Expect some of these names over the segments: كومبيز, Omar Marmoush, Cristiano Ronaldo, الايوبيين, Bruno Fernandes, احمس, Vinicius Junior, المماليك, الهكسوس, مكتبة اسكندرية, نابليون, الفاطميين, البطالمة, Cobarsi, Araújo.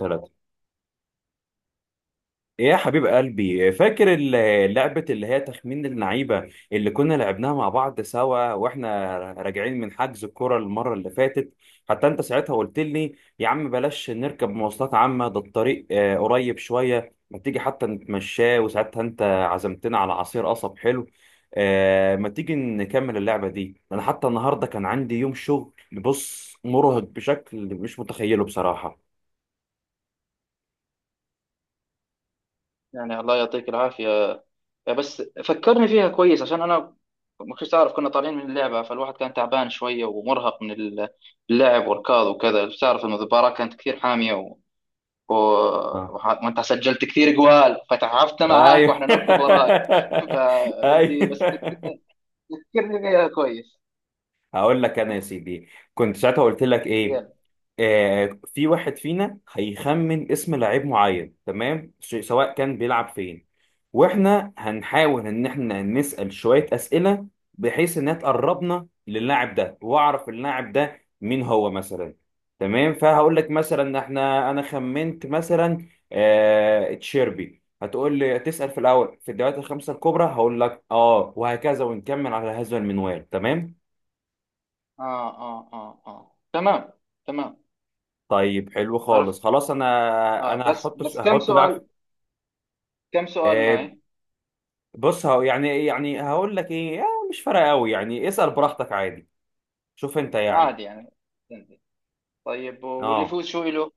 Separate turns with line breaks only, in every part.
ثلاثة. ايه يا حبيب قلبي، فاكر لعبة اللي هي تخمين اللعيبة اللي كنا لعبناها مع بعض سوا واحنا راجعين من حجز الكرة المرة اللي فاتت؟ حتى انت ساعتها قلت لي يا عم بلاش نركب مواصلات عامة، ده الطريق قريب شوية، ما تيجي حتى نتمشاه. وساعتها انت عزمتنا على عصير قصب حلو. ما تيجي نكمل اللعبة دي؟ انا حتى النهاردة كان عندي يوم شغل، بص، مرهق بشكل مش متخيله بصراحة.
يعني الله يعطيك العافية. بس فكرني فيها كويس عشان أنا ما كنتش أعرف كنا طالعين من اللعبة، فالواحد كان تعبان شوية ومرهق من اللعب والركض وكذا. تعرف إن المباراة كانت كثير حامية، و... وأنت سجلت كثير جوال فتعبنا معاك
ايوه
وإحنا نركض وراك. فبدي بس
ايوه.
تذكرني فيها كويس.
هقول لك انا يا سيدي، كنت ساعتها قلت لك ايه.
يلا.
في واحد فينا هيخمن اسم لعيب معين، تمام، سواء كان بيلعب فين، واحنا هنحاول ان احنا نسأل شوية أسئلة بحيث انها تقربنا للاعب ده واعرف اللاعب ده مين هو مثلا. تمام، فهقول لك مثلا، احنا انا خمنت مثلا آه تشيربي، هتقول لي تسأل في الاول في الدوريات الخمسة الكبرى، هقول لك اه، وهكذا ونكمل على هذا المنوال. تمام؟
آه آه آه آه، تمام تمام.
طيب حلو
عرفت.
خالص، خلاص انا انا
بس
هحط
بس
هحط لاعب.
كم سؤال
آه،
معي؟
بص هو يعني هقول لك ايه، يعني مش فارقه قوي، يعني اسال براحتك عادي. شوف انت يعني.
عادي يعني. طيب، واللي
اه.
يفوز شو إله؟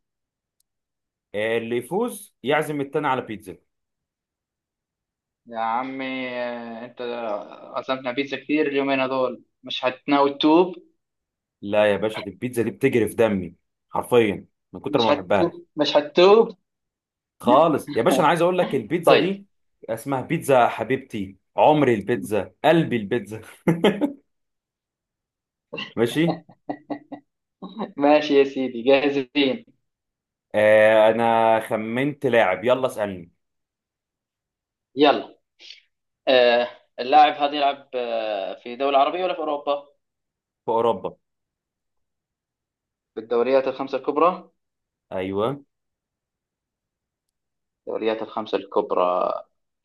اللي يفوز يعزم التاني على بيتزا.
يا عمي، أنت عزمنا بيتزا كتير اليومين هذول، مش هتناوي تتوب؟
لا يا باشا، دي البيتزا دي بتجري في دمي، حرفيا، من كتر
مش
ما بحبها.
هتتوب، مش هتتوب.
خالص يا باشا، انا عايز اقول لك البيتزا
طيب،
دي اسمها بيتزا حبيبتي، عمري البيتزا، قلبي البيتزا. ماشي.
ماشي يا سيدي، جاهزين.
آه، انا خمنت لاعب، يلا اسالني.
يلا. آه اللاعب هذا يلعب في دولة عربية ولا في أوروبا؟
في اوروبا.
في الدوريات الخمسة الكبرى.
ايوه.
الدوريات الخمسة الكبرى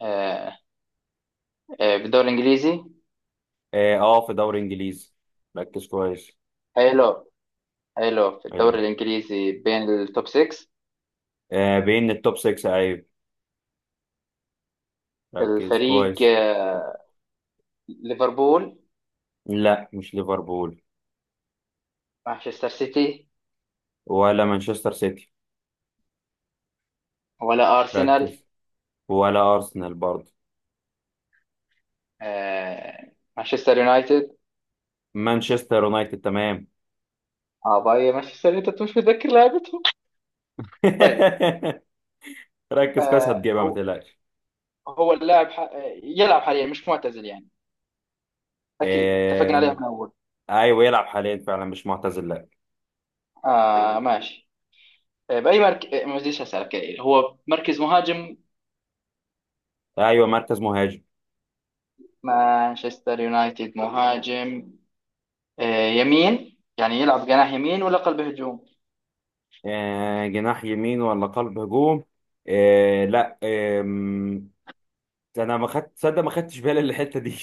آه في الدوري الإنجليزي.
اه، في دوري انجليزي. ركز كويس.
حلو. حلو، في الدوري
حلو،
الإنجليزي بين التوب 6.
بين التوب 6، ايوه. ركز
الفريق
كويس.
ليفربول؟
لا مش ليفربول.
مانشستر سيتي،
ولا مانشستر سيتي.
ولا ارسنال،
ركز. ولا ارسنال برضه.
مانشستر يونايتد.
مانشستر يونايتد، تمام.
اه، باي مانشستر يونايتد، مش متذكر لعبتهم. طيب.
ركز كويس،
آه
هتجيبها ما
هو
تقلقش.
هو اللاعب ح... آه، يلعب حاليا، مش معتزل يعني؟ اكيد اتفقنا
آه،
عليها من اول.
ايوه يلعب حاليا فعلا، مش معتزل، لا.
آه، ماشي. باي مركز ما بديش اسالك، هو مركز مهاجم.
ايوه مركز مهاجم.
مانشستر يونايتد مهاجم. يمين يعني، يلعب جناح يمين ولا قلب هجوم؟
جناح يمين ولا قلب هجوم؟ لا، انا ما خدت، تصدق ما خدتش بالي الحته دي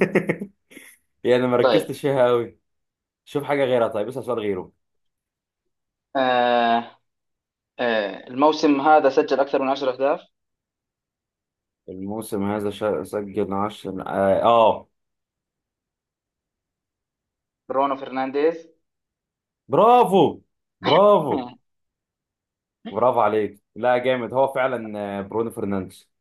يعني ما
طيب.
ركزتش فيها قوي. شوف حاجه غيرها، طيب اسال سؤال غيره.
آه الموسم هذا سجل اكثر من 10 اهداف؟
الموسم هذا سجل 10، اه
برونو فرنانديز.
برافو، برافو. برافو عليك، لا جامد، هو فعلا برونو فرنانديز.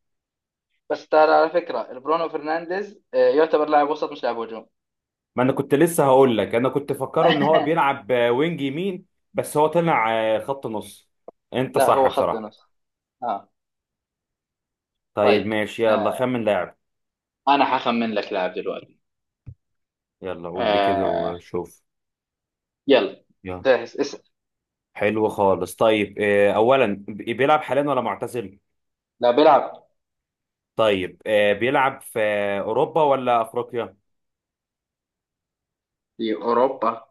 بس ترى، على فكرة برونو فرنانديز يعتبر لاعب وسط مش لاعب هجوم.
ما انا كنت لسه هقول لك، انا كنت فكره ان هو بيلعب وينج يمين، بس هو طلع خط نص. انت
لا،
صح
هو خط
بصراحة.
نص. اه.
طيب
طيب.
ماشي، يلا
آه.
خمن لاعب.
انا حخمن لك لاعب دلوقتي.
يلا قول لي كده
آه.
وشوف.
يلا.
يلا.
جاهز؟ اسأل.
حلو خالص، طيب اولا بيلعب حاليا ولا معتزل؟
لا، بيلعب
طيب بيلعب في اوروبا ولا افريقيا؟
في اوروبا.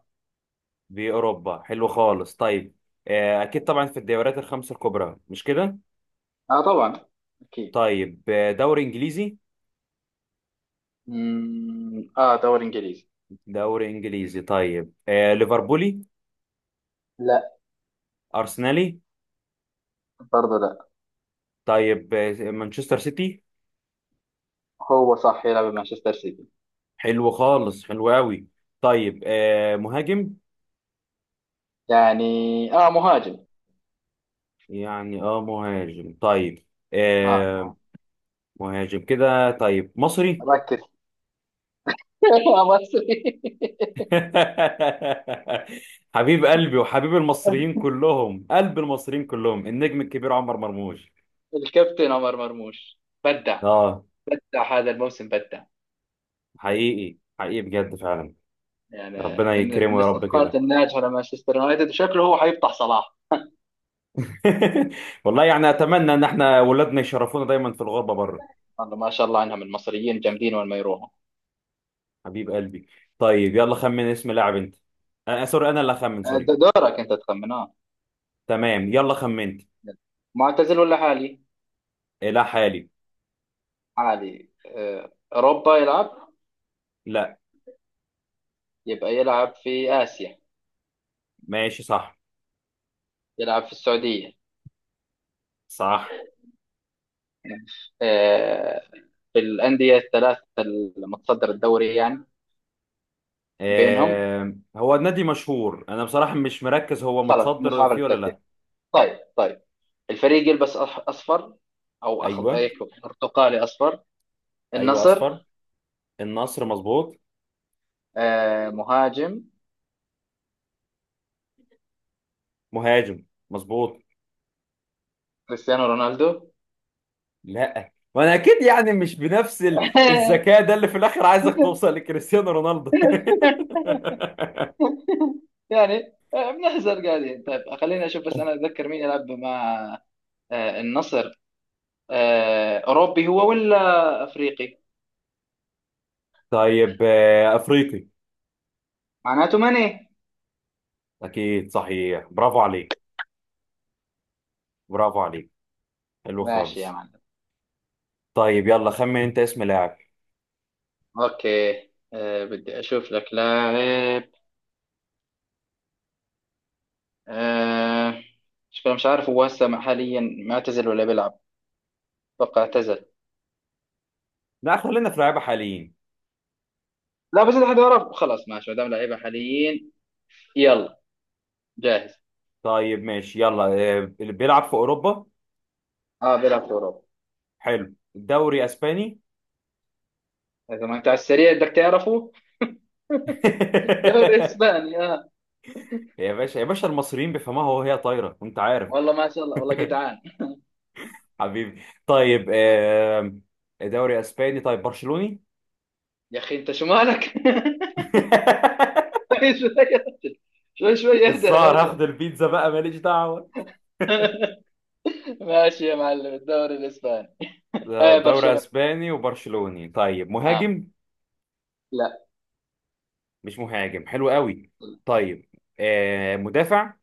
بأوروبا، حلو خالص. طيب أكيد طبعا في الدوريات الخمسة الكبرى، مش كده؟
اه طبعا، اكيد.
طيب دوري إنجليزي.
مم، اه دوري انجليزي.
دوري إنجليزي، طيب ليفربولي؟
لا.
أرسنالي؟
برضه لا.
طيب مانشستر سيتي.
هو صح، يلعب بمانشستر سيتي.
حلو خالص، حلو قوي. طيب مهاجم.
يعني اه مهاجم.
يعني اه مهاجم، طيب.
اه
آه،
مهاجم.
مهاجم كده، طيب مصري.
ركز. مصري.
حبيب قلبي وحبيب المصريين كلهم، قلب المصريين كلهم، النجم الكبير عمر مرموش.
الكابتن عمر مرموش. بدع،
اه،
بدع هذا الموسم، بدع.
حقيقي حقيقي بجد فعلا.
يعني
ربنا
من
يكرمه
من
يا رب
الصفقات
كده.
الناجحه لمانشستر يونايتد، وشكله هو حيفتح صلاح.
والله يعني اتمنى ان احنا ولادنا يشرفونا دايما في الغربه بره.
والله ما شاء الله عنهم، المصريين جامدين وين ما يروحوا.
حبيب قلبي. طيب يلا خمن اسم لاعب انت. آه سوري، انا اللي اخمن، سوري.
دورك انت تخمن، اه.
تمام يلا خمنت.
معتزل ولا حالي؟
لا حالي.
حالي. اوروبا يلعب.
لا.
يبقى يلعب في اسيا.
ماشي صح.
يلعب في السعوديه.
صح.
آه، في الانديه الثلاث المتصدر الدوري يعني. بينهم.
آه، هو النادي مشهور، انا بصراحه مش مركز هو
خلاص، مش
متصدر
عارف
فيه ولا
الترتيب.
لا.
طيب. طيب، الفريق يلبس اصفر، او
ايوه.
أيكو، برتقالي اصفر.
ايوه
النصر.
اصفر. النصر، مظبوط.
مهاجم.
مهاجم، مظبوط.
كريستيانو رونالدو.
لا ما انا اكيد يعني مش بنفس الذكاء ده اللي في الاخر عايزك توصل لكريستيانو رونالدو.
يعني بنحزر قاعدين. طيب، خليني اشوف بس انا اتذكر مين يلعب مع النصر. اوروبي هو ولا افريقي؟
طيب افريقي.
معناته ماني.
اكيد صحيح، برافو عليك. برافو عليك. حلو
ماشي يا
خالص.
معلم.
طيب يلا خمن انت اسم لاعب.
اوكي. بدي اشوف لك لاعب. آه، مش عارف هو هسه حاليا معتزل ولا بيلعب. اتوقع اعتزل.
لا خلينا في لعيبه حاليين.
لا بس اذا حدا عرف خلاص، ماشي، ما دام لعيبه حاليين. يلا، جاهز.
طيب ماشي، يلا اللي بيلعب في اوروبا.
اه بيلعب في اوروبا.
حلو، دوري اسباني.
اذا ما انت على السريع بدك تعرفه. دوري اسباني، اه.
يا باشا يا باشا، المصريين بيفهموها وهي طايره انت عارف.
والله ما شاء الله، والله جدعان.
حبيبي. طيب
آه.
دوري اسباني، طيب برشلوني.
يا اخي انت شو مالك؟ شوي شوي، شوي شوي، اهدى
الظاهر
اهدى.
هاخد البيتزا بقى، ماليش دعوة.
ماشي يا معلم، الدوري الاسباني.
ده
اي
دوري
برشلونة.
اسباني وبرشلوني، طيب
اه.
مهاجم.
لا.
مش مهاجم، حلو قوي. طيب آه مدافع.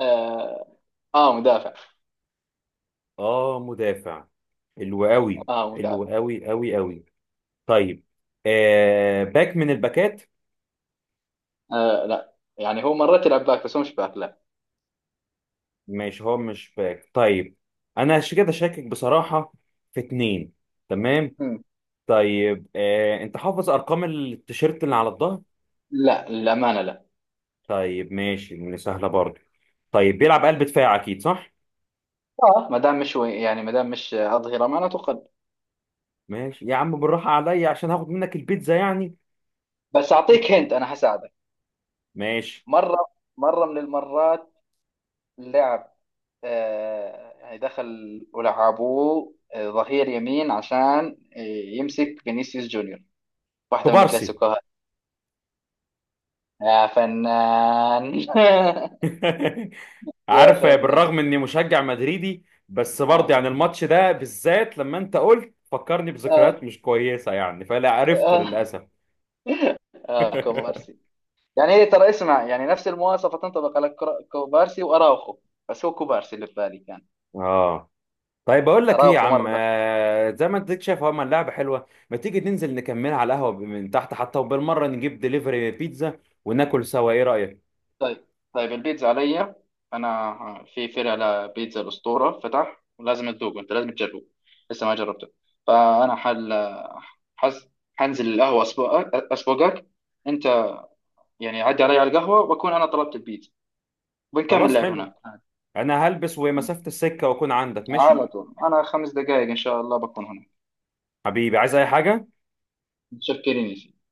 اه، مدافع.
اه مدافع. حلو قوي،
اه
حلو
مدافع.
قوي قوي قوي. طيب باك من الباكات.
لا يعني هو مرات يلعب باك، بس هو مش باك، لا.
ماشي هو مش باك، طيب. انا عشان كده شاكك بصراحة في اتنين، تمام.
مم.
طيب آه، انت حافظ ارقام التيشيرت اللي على الظهر؟
لا للامانه، لا.
طيب ماشي، من سهلة برضه. طيب بيلعب قلب دفاع أكيد صح؟
اه، ما دام مش يعني ما دام مش اظهره، معناته قلب.
ماشي يا عم، بالراحة عليا عشان هاخد منك البيتزا يعني.
بس اعطيك هنت انا حساعدك.
ماشي.
مره، مره من المرات، لعب يعني دخل ولعبوه ظهير يمين عشان يمسك فينيسيوس جونيور، واحدة من
كوبارسي.
الكلاسيكوهات. يا فنان. يا
عارف،
فنان.
بالرغم إني مشجع مدريدي بس برضه
آه.
يعني الماتش ده بالذات لما أنت قلت فكرني بذكريات
آه.
مش كويسة يعني، فلا عرفته
آه.
للأسف.
كوبارسي. يعني هي ترى، اسمع، يعني نفس المواصفة تنطبق على كوبارسي وأراوخو، بس هو كوبارسي اللي في بالي كان.
اه. طيب اقول لك ايه يا
أراوخو
عم،
مرة.
زي ما انت شايف اهو، اللعبه حلوه، ما تيجي ننزل نكملها على القهوه من تحت حتى، وبالمره نجيب دليفري بيتزا وناكل سوا، ايه رايك؟
طيب. طيب، البيتزا عليا. انا في فرع لبيتزا الاسطوره فتح، ولازم تدوقه، انت لازم تجربه، لسه ما جربته. فانا حز... حنزل القهوه اسبوعك، اسبوعك انت، يعني عدي علي على القهوه، واكون انا طلبت البيتزا، بنكمل
خلاص
لعب
حلو.
هناك عادي.
انا هلبس، ومسافة السكة واكون عندك،
على
ماشي؟
طول انا 5 دقائق ان شاء الله بكون هناك.
حبيبي، عايز اي حاجة؟
متشكرين يا سيدي.